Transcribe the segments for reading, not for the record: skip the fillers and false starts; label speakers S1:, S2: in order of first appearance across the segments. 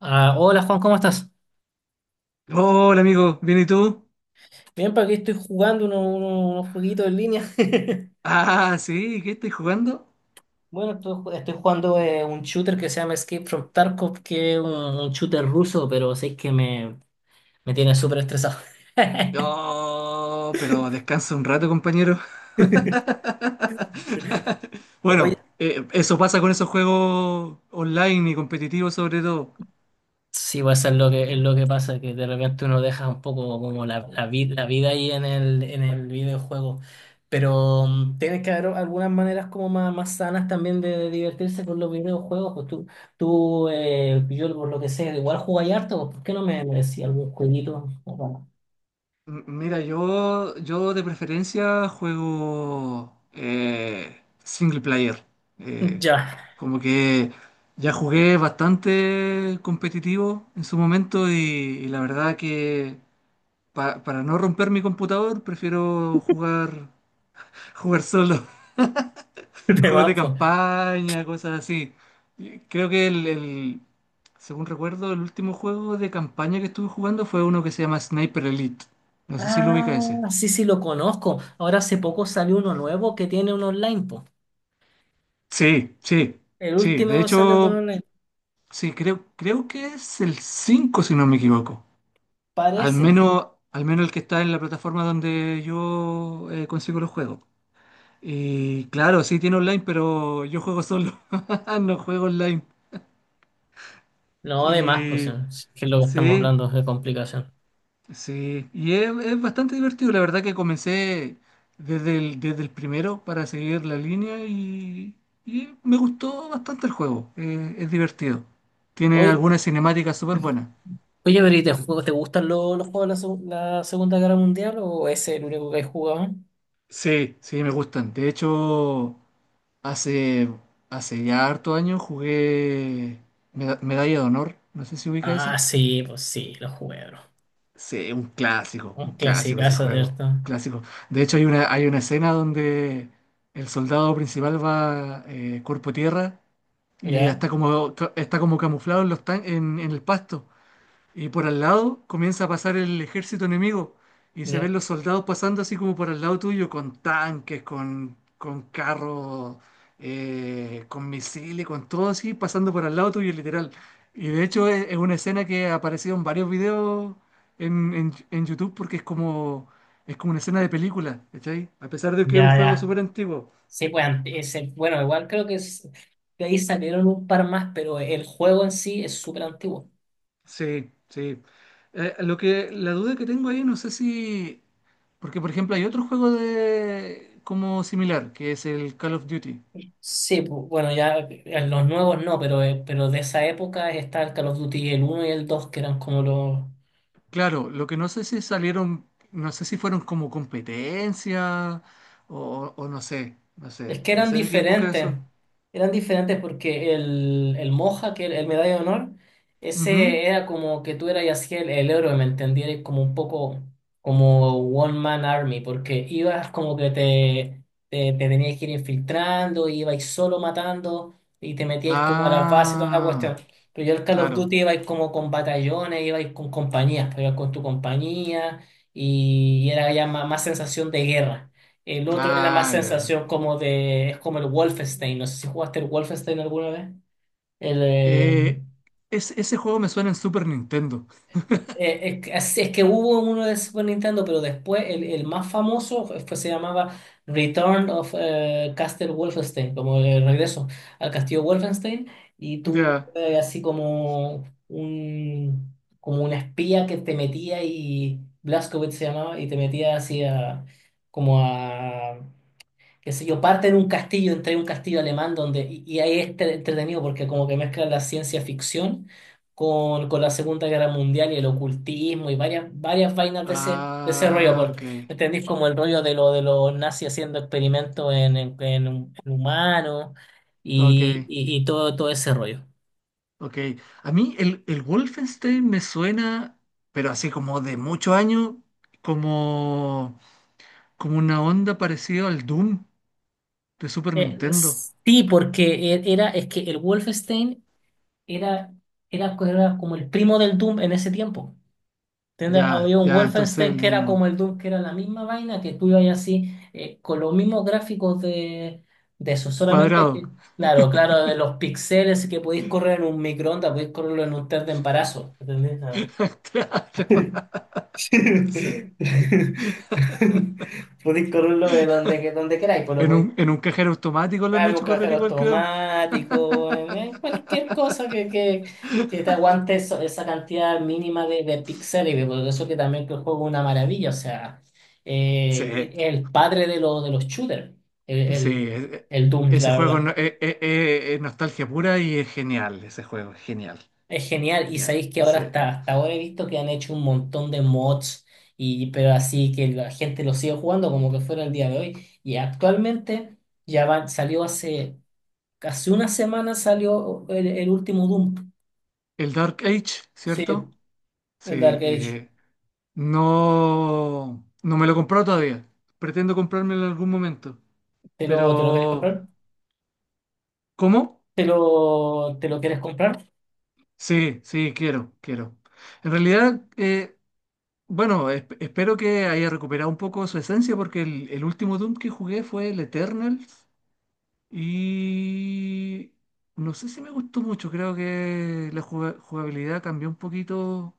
S1: Ah, hola Juan, ¿cómo estás?
S2: Hola amigo, ¿bien y tú?
S1: Bien, para aquí estoy jugando unos jueguitos en línea.
S2: Ah, sí, ¿qué estoy jugando?
S1: Bueno, estoy jugando un shooter que se llama Escape from Tarkov, que es un shooter ruso, pero sé que me tiene súper estresado.
S2: No, pero descansa un rato, compañero.
S1: Oye,
S2: Bueno, eso pasa con esos juegos online y competitivos sobre todo.
S1: sí, va a ser es lo que pasa, que de repente uno deja un poco como la vida ahí en en el videojuego. Pero tienes que haber algunas maneras como más sanas también de divertirse con los videojuegos. Pues tú yo por lo que sé, igual jugáis harto, pues, ¿por qué no me decís algún jueguito? Bueno,
S2: Mira, yo de preferencia juego single player. Eh,
S1: ya,
S2: como que ya jugué bastante competitivo en su momento y la verdad que para no romper mi computador prefiero jugar solo,
S1: te
S2: juegos de
S1: vas, pues.
S2: campaña, cosas así. Y creo que según recuerdo, el último juego de campaña que estuve jugando fue uno que se llama Sniper Elite. No sé si lo
S1: Ah,
S2: ubica ese.
S1: sí, sí, lo conozco. Ahora hace poco salió uno nuevo que tiene un online, pues.
S2: Sí, sí,
S1: El
S2: sí. De
S1: último salió con
S2: hecho,
S1: online,
S2: sí, creo que es el 5 si no me equivoco.
S1: parece.
S2: Al menos el que está en la plataforma donde yo consigo los juegos. Y claro, sí tiene online, pero yo juego solo. No juego online.
S1: No, además, pues,
S2: Y
S1: si es que lo que estamos
S2: sí,
S1: hablando es de complicación.
S2: sí, y es bastante divertido. La verdad que comencé desde el primero para seguir la línea y me gustó bastante el juego. Es divertido. Tiene
S1: Oye,
S2: algunas cinemáticas súper buenas.
S1: oye, Bri, ¿ te gustan los juegos de la Segunda Guerra Mundial o ese es el único que he jugado?
S2: Sí, sí, me gustan. De hecho, hace, hace ya harto años jugué Medalla de Honor. No sé si ubica ese.
S1: Ah, sí, pues sí, los jugué, bro.
S2: Sí,
S1: Un
S2: un clásico ese
S1: clasicazo,
S2: juego,
S1: ¿cierto?
S2: clásico. De hecho, hay una escena donde el soldado principal va cuerpo a tierra y
S1: Ya,
S2: está como camuflado en, los tan- en el pasto. Y por al lado comienza a pasar el ejército enemigo y se ven
S1: ya,
S2: los soldados pasando así como por al lado tuyo, con tanques, con carros, con misiles, con todo así, pasando por al lado tuyo, literal. Y de hecho es una escena que ha aparecido en varios videos en YouTube porque es como una escena de película, ¿cachai? A pesar de que es un
S1: ya,
S2: juego
S1: ya.
S2: súper antiguo.
S1: Sí, pues, bueno, igual creo que de ahí salieron un par más, pero el juego en sí es súper antiguo.
S2: Sí, sí. La duda que tengo ahí, no sé si... Porque, por ejemplo, hay otro juego de como similar, que es el Call of Duty.
S1: Sí, bueno, ya los nuevos no, pero de esa época está el Call of Duty el uno y el 2 que eran como los,
S2: Claro, lo que no sé si salieron, no sé si fueron como competencia o no sé, no
S1: es
S2: sé,
S1: que
S2: no sé de qué época son.
S1: eran diferentes porque el Moja, que el medalla de honor,
S2: Ujú.
S1: ese era como que tú eras y así el héroe, ¿me entendieras? Como un poco como One Man Army, porque ibas como que te tenías que ir infiltrando, ibais solo matando y te metíais como a las bases y toda la cuestión.
S2: Ah,
S1: Pero yo el Call of
S2: claro.
S1: Duty ibais como con batallones, ibais con compañías, pues, ibas con tu compañía y era ya más sensación de guerra. El otro era más
S2: Ah, ya.
S1: sensación como de, es como el Wolfenstein, no sé si jugaste el Wolfenstein alguna vez. El, eh,
S2: Eh, Ese juego me suena en Super Nintendo.
S1: es, es que hubo uno de Super Nintendo, pero después el más famoso fue, se llamaba Return of Castle Wolfenstein, como el regreso al castillo Wolfenstein, y tú
S2: Ya.
S1: así como como un espía que te metía y Blazkowicz se llamaba, y te metía así a, como a qué sé yo, parte en un castillo, entre un castillo alemán donde, y ahí es entretenido porque como que mezcla la ciencia ficción con la Segunda Guerra Mundial y el ocultismo y varias vainas de ese rollo,
S2: Ah,
S1: porque
S2: ok.
S1: ¿me entendís? Como el rollo de lo de los nazis haciendo experimentos en en humanos
S2: Ok.
S1: y todo ese rollo.
S2: Ok, a mí el Wolfenstein me suena, pero así como de muchos años, como, como una onda parecida al Doom de Super
S1: Eh,
S2: Nintendo.
S1: sí, porque era, es que el Wolfenstein era, era como el primo del Doom en ese tiempo. Había
S2: Ya,
S1: un
S2: ya, entonces
S1: Wolfenstein
S2: el
S1: que era como
S2: mismo.
S1: el Doom, que era la misma vaina, que tú ibas así, con los mismos gráficos de eso, solamente
S2: Cuadrado.
S1: que, claro, de los píxeles que podéis correr en un microondas, podéis correrlo en un test de embarazo, ¿entendés? Ah.
S2: Claro, sí.
S1: Podéis correrlo de donde, donde queráis, pues lo
S2: En
S1: podéis.
S2: un, en un cajero automático lo han
S1: Claro, un
S2: hecho correr
S1: cajero
S2: igual, creo.
S1: automático, cualquier cosa que te aguante esa cantidad mínima de píxeles, por eso que también que el juego es una maravilla, o sea,
S2: Sí,
S1: es el padre de, de los shooters, el,
S2: sí,
S1: el, el Doom,
S2: ese
S1: la
S2: juego
S1: verdad.
S2: es nostalgia pura y es genial, ese juego, genial,
S1: Es genial, y
S2: genial.
S1: sabéis que ahora
S2: Sí.
S1: hasta ahora he visto que han hecho un montón de mods, y, pero así que la gente lo sigue jugando como que fuera el día de hoy, y actualmente ya van, salió hace... Hace una semana salió el último Doom.
S2: El Dark Age,
S1: Sí,
S2: ¿cierto? Sí,
S1: el Dark Age.
S2: no, no me lo he comprado todavía. Pretendo comprármelo en algún momento.
S1: ¿ te lo quieres
S2: Pero,
S1: comprar?
S2: ¿cómo?
S1: ¿ te lo quieres comprar?
S2: Sí, sí, quiero, quiero. En realidad, bueno, espero que haya recuperado un poco su esencia porque el último Doom que jugué fue el Eternals y no sé si me gustó mucho. Creo que la jugabilidad cambió un poquito,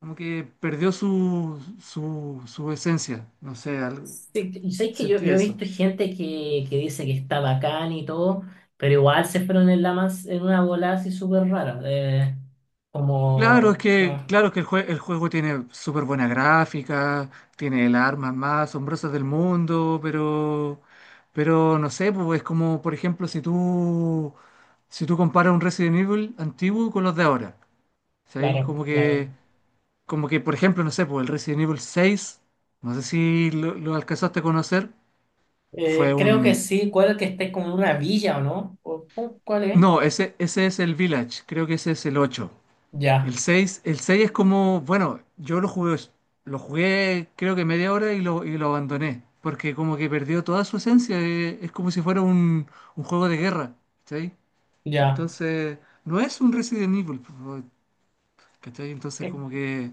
S2: como que perdió su esencia. No sé,
S1: Sí, y sabes que
S2: sentí
S1: yo he
S2: eso.
S1: visto gente que dice que está bacán y todo, pero igual se fueron en la más, en una bola así súper rara.
S2: Claro, es
S1: Como
S2: que,
S1: Ah,
S2: claro que el juego tiene súper buena gráfica, tiene las armas más asombrosas del mundo, pero no sé, pues es como, por ejemplo, si tú comparas un Resident Evil antiguo con los de ahora, ¿sí?
S1: claro,
S2: Como
S1: claro.
S2: que, como que, por ejemplo, no sé, pues el Resident Evil 6 no sé si lo alcanzaste a conocer, fue
S1: Creo que
S2: un...
S1: sí, cuál que esté como en una villa o no. O cuál es?
S2: No, ese es el Village, creo que ese es el 8. El
S1: Ya,
S2: seis el seis es como, bueno, yo lo jugué creo que media hora y lo abandoné, porque como que perdió toda su esencia, es como si fuera un juego de guerra, ¿cachai?
S1: ya.
S2: Entonces, no es un Resident Evil, po, ¿cachai? Entonces
S1: Eh,
S2: como que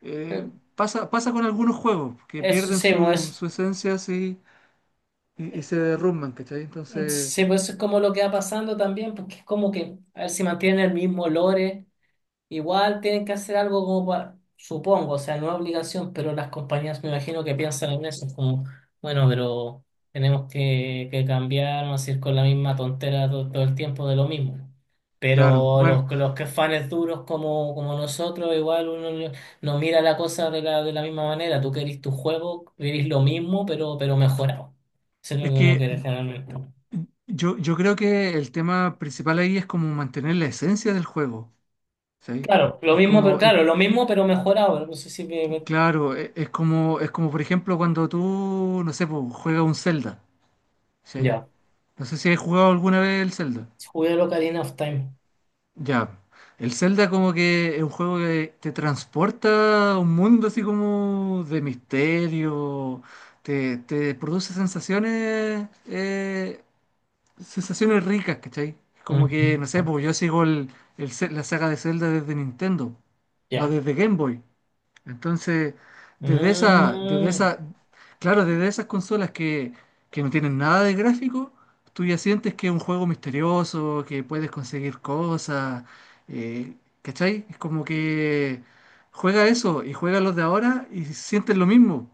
S2: eh,
S1: eh,
S2: pasa con algunos juegos que
S1: eso
S2: pierden
S1: sí, no
S2: su,
S1: es.
S2: su esencia así y se derrumban, ¿cachai? Entonces,
S1: Sí, pues eso es como lo que va pasando también, porque es como que, a ver si mantienen el mismo lore, igual tienen que hacer algo como para, supongo, o sea, no es obligación, pero las compañías me imagino que piensan en eso, es como, bueno, pero tenemos que cambiar, no decir con la misma tontera todo, el tiempo de lo mismo.
S2: claro,
S1: Pero
S2: bueno,
S1: los que fans duros como, como nosotros, igual uno no mira la cosa de de la misma manera, tú querís tu juego, querís lo mismo, pero mejorado. Eso es lo
S2: es
S1: que uno
S2: que
S1: quiere generalmente.
S2: yo creo que el tema principal ahí es como mantener la esencia del juego. Sí,
S1: Claro, lo
S2: es
S1: mismo, pero
S2: como, es,
S1: claro, lo mismo, pero mejorado. No sé si
S2: claro, es como por ejemplo cuando tú, no sé, pues, juegas un Zelda, ¿sí?
S1: ya.
S2: No sé si has jugado alguna vez el Zelda.
S1: Jugué lo Ocarina of Time.
S2: Ya, el Zelda como que es un juego que te transporta a un mundo así como de misterio, te produce sensaciones, sensaciones ricas, ¿cachai? Como que,
S1: Ujú,
S2: no sé, pues yo sigo la saga de Zelda desde Nintendo, no
S1: ya.
S2: desde Game Boy. Entonces, desde esa, desde
S1: Mm.
S2: esa, claro, desde esas consolas que no tienen nada de gráfico, tú ya sientes que es un juego misterioso, que puedes conseguir cosas, eh, ¿cachai? Es como que juega eso y juega los de ahora y sientes lo mismo.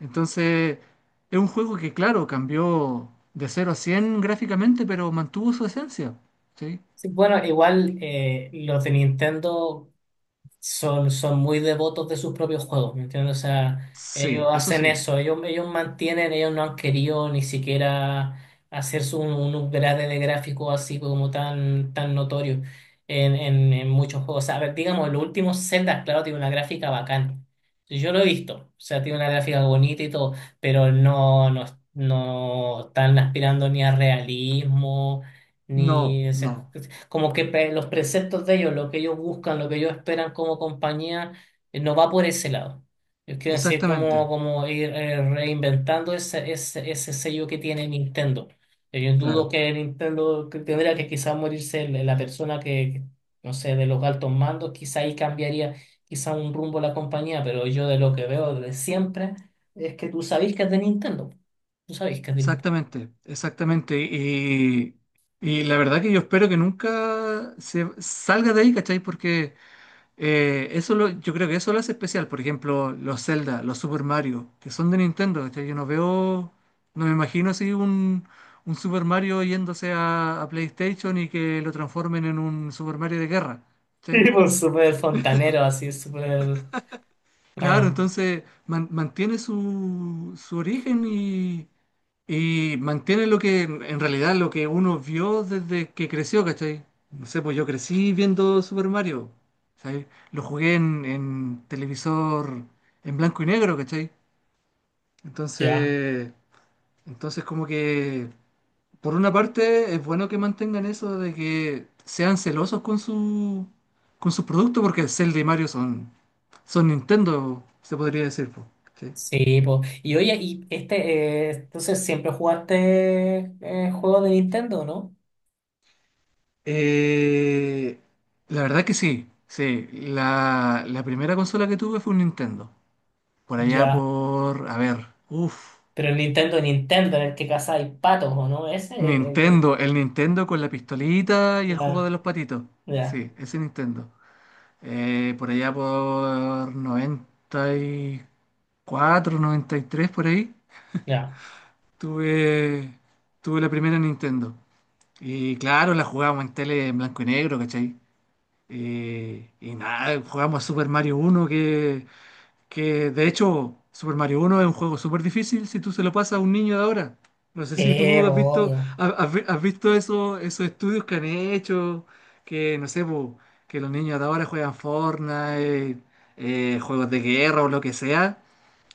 S2: Entonces, es un juego que, claro, cambió de cero a 100 gráficamente, pero mantuvo su esencia, ¿sí?
S1: Sí, bueno, igual los de Nintendo son, son muy devotos de sus propios juegos, ¿me entiendes? O sea, ellos
S2: Sí, eso
S1: hacen
S2: sí.
S1: eso, ellos mantienen, ellos no han querido ni siquiera hacerse un upgrade de gráfico así como tan notorio en muchos juegos. O sea, a ver, digamos, los últimos Zelda, claro, tiene una gráfica bacán. Sí, yo lo he visto, o sea, tiene una gráfica bonita y todo, pero no, no, no están aspirando ni a realismo,
S2: No,
S1: ni
S2: no,
S1: como que los preceptos de ellos, lo que ellos buscan, lo que ellos esperan como compañía, no va por ese lado. Yo quiero decir, como,
S2: exactamente,
S1: como ir reinventando ese, ese, ese sello que tiene Nintendo. Yo dudo
S2: claro.
S1: que Nintendo que tendría que quizás morirse la persona no sé, de los altos mandos, quizá ahí cambiaría quizá un rumbo la compañía, pero yo de lo que veo desde siempre es que tú sabés que es de Nintendo. Tú sabés que es de Nintendo.
S2: Exactamente, exactamente. Y la verdad que yo espero que nunca se salga de ahí, ¿cachai? Porque yo creo que eso lo hace especial. Por ejemplo, los Zelda, los Super Mario, que son de Nintendo, ¿cachai? Yo no veo, no me imagino así un Super Mario yéndose a PlayStation y que lo transformen en un Super Mario de guerra, ¿cachai?
S1: Y pues súper fontanero, así, súper...
S2: Claro,
S1: Claro,
S2: entonces mantiene su origen y... Y mantiene lo que, en realidad, lo que uno vio desde que creció, ¿cachai? No sé, pues yo crecí viendo Super Mario, ¿sabes? Lo jugué en televisor en blanco y negro, ¿cachai?
S1: ya.
S2: Entonces, entonces, como que, por una parte, es bueno que mantengan eso de que sean celosos con su producto, porque Zelda y Mario son Nintendo, se podría decir, pues, ¿cachai?
S1: Sí, po. Y oye, y este, entonces siempre jugaste juegos de Nintendo, ¿no?
S2: Eh, la verdad que sí, sí. La primera consola que tuve fue un Nintendo. Por allá
S1: Ya.
S2: por, a ver, uff,
S1: Pero el Nintendo, Nintendo, en el que hay patos, ¿o no? Ese,
S2: Nintendo, el Nintendo con la pistolita y el juego
S1: ya,
S2: de los patitos.
S1: ya,
S2: Sí, ese Nintendo. Por allá por 94, 93 por ahí,
S1: ya.
S2: tuve, tuve la primera Nintendo. Y claro, la jugábamos en tele en blanco y negro, ¿cachai? Y nada, jugamos a Super Mario uno que... Que de hecho, Super Mario uno es un juego súper difícil si tú se lo pasas a un niño de ahora. No sé si
S1: Sí,
S2: tú
S1: po,
S2: has visto,
S1: obvio.
S2: ha- has, vi- has visto esos estudios que han hecho, que no sé, po, que los niños de ahora juegan Fortnite, juegos de guerra o lo que sea,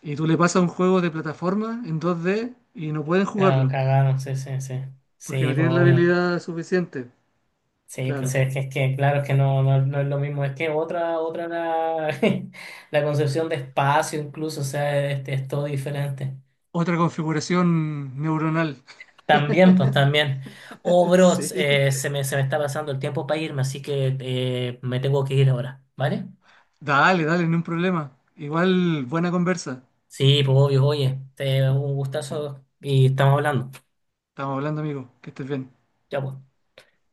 S2: y tú le pasas un juego de plataforma en 2D y no pueden
S1: Claro,
S2: jugarlo,
S1: cagaron, sí, sí, sí.
S2: porque
S1: Sí,
S2: no
S1: po,
S2: tienen la
S1: obvio.
S2: habilidad suficiente,
S1: Sí, pues
S2: claro.
S1: es que claro, es que no, no, no es lo mismo. Es que otra, otra la, la concepción de espacio incluso, o sea, este, es todo diferente.
S2: Otra configuración neuronal.
S1: También, pues también. Oh, bro,
S2: Sí.
S1: se me está pasando el tiempo para irme, así que me tengo que ir ahora, ¿vale?
S2: Dale, dale, no hay un problema. Igual, buena conversa.
S1: Sí, pues obvio, oye, te, un gustazo y estamos hablando.
S2: Estamos hablando, amigo. Que estés bien.
S1: Ya, pues.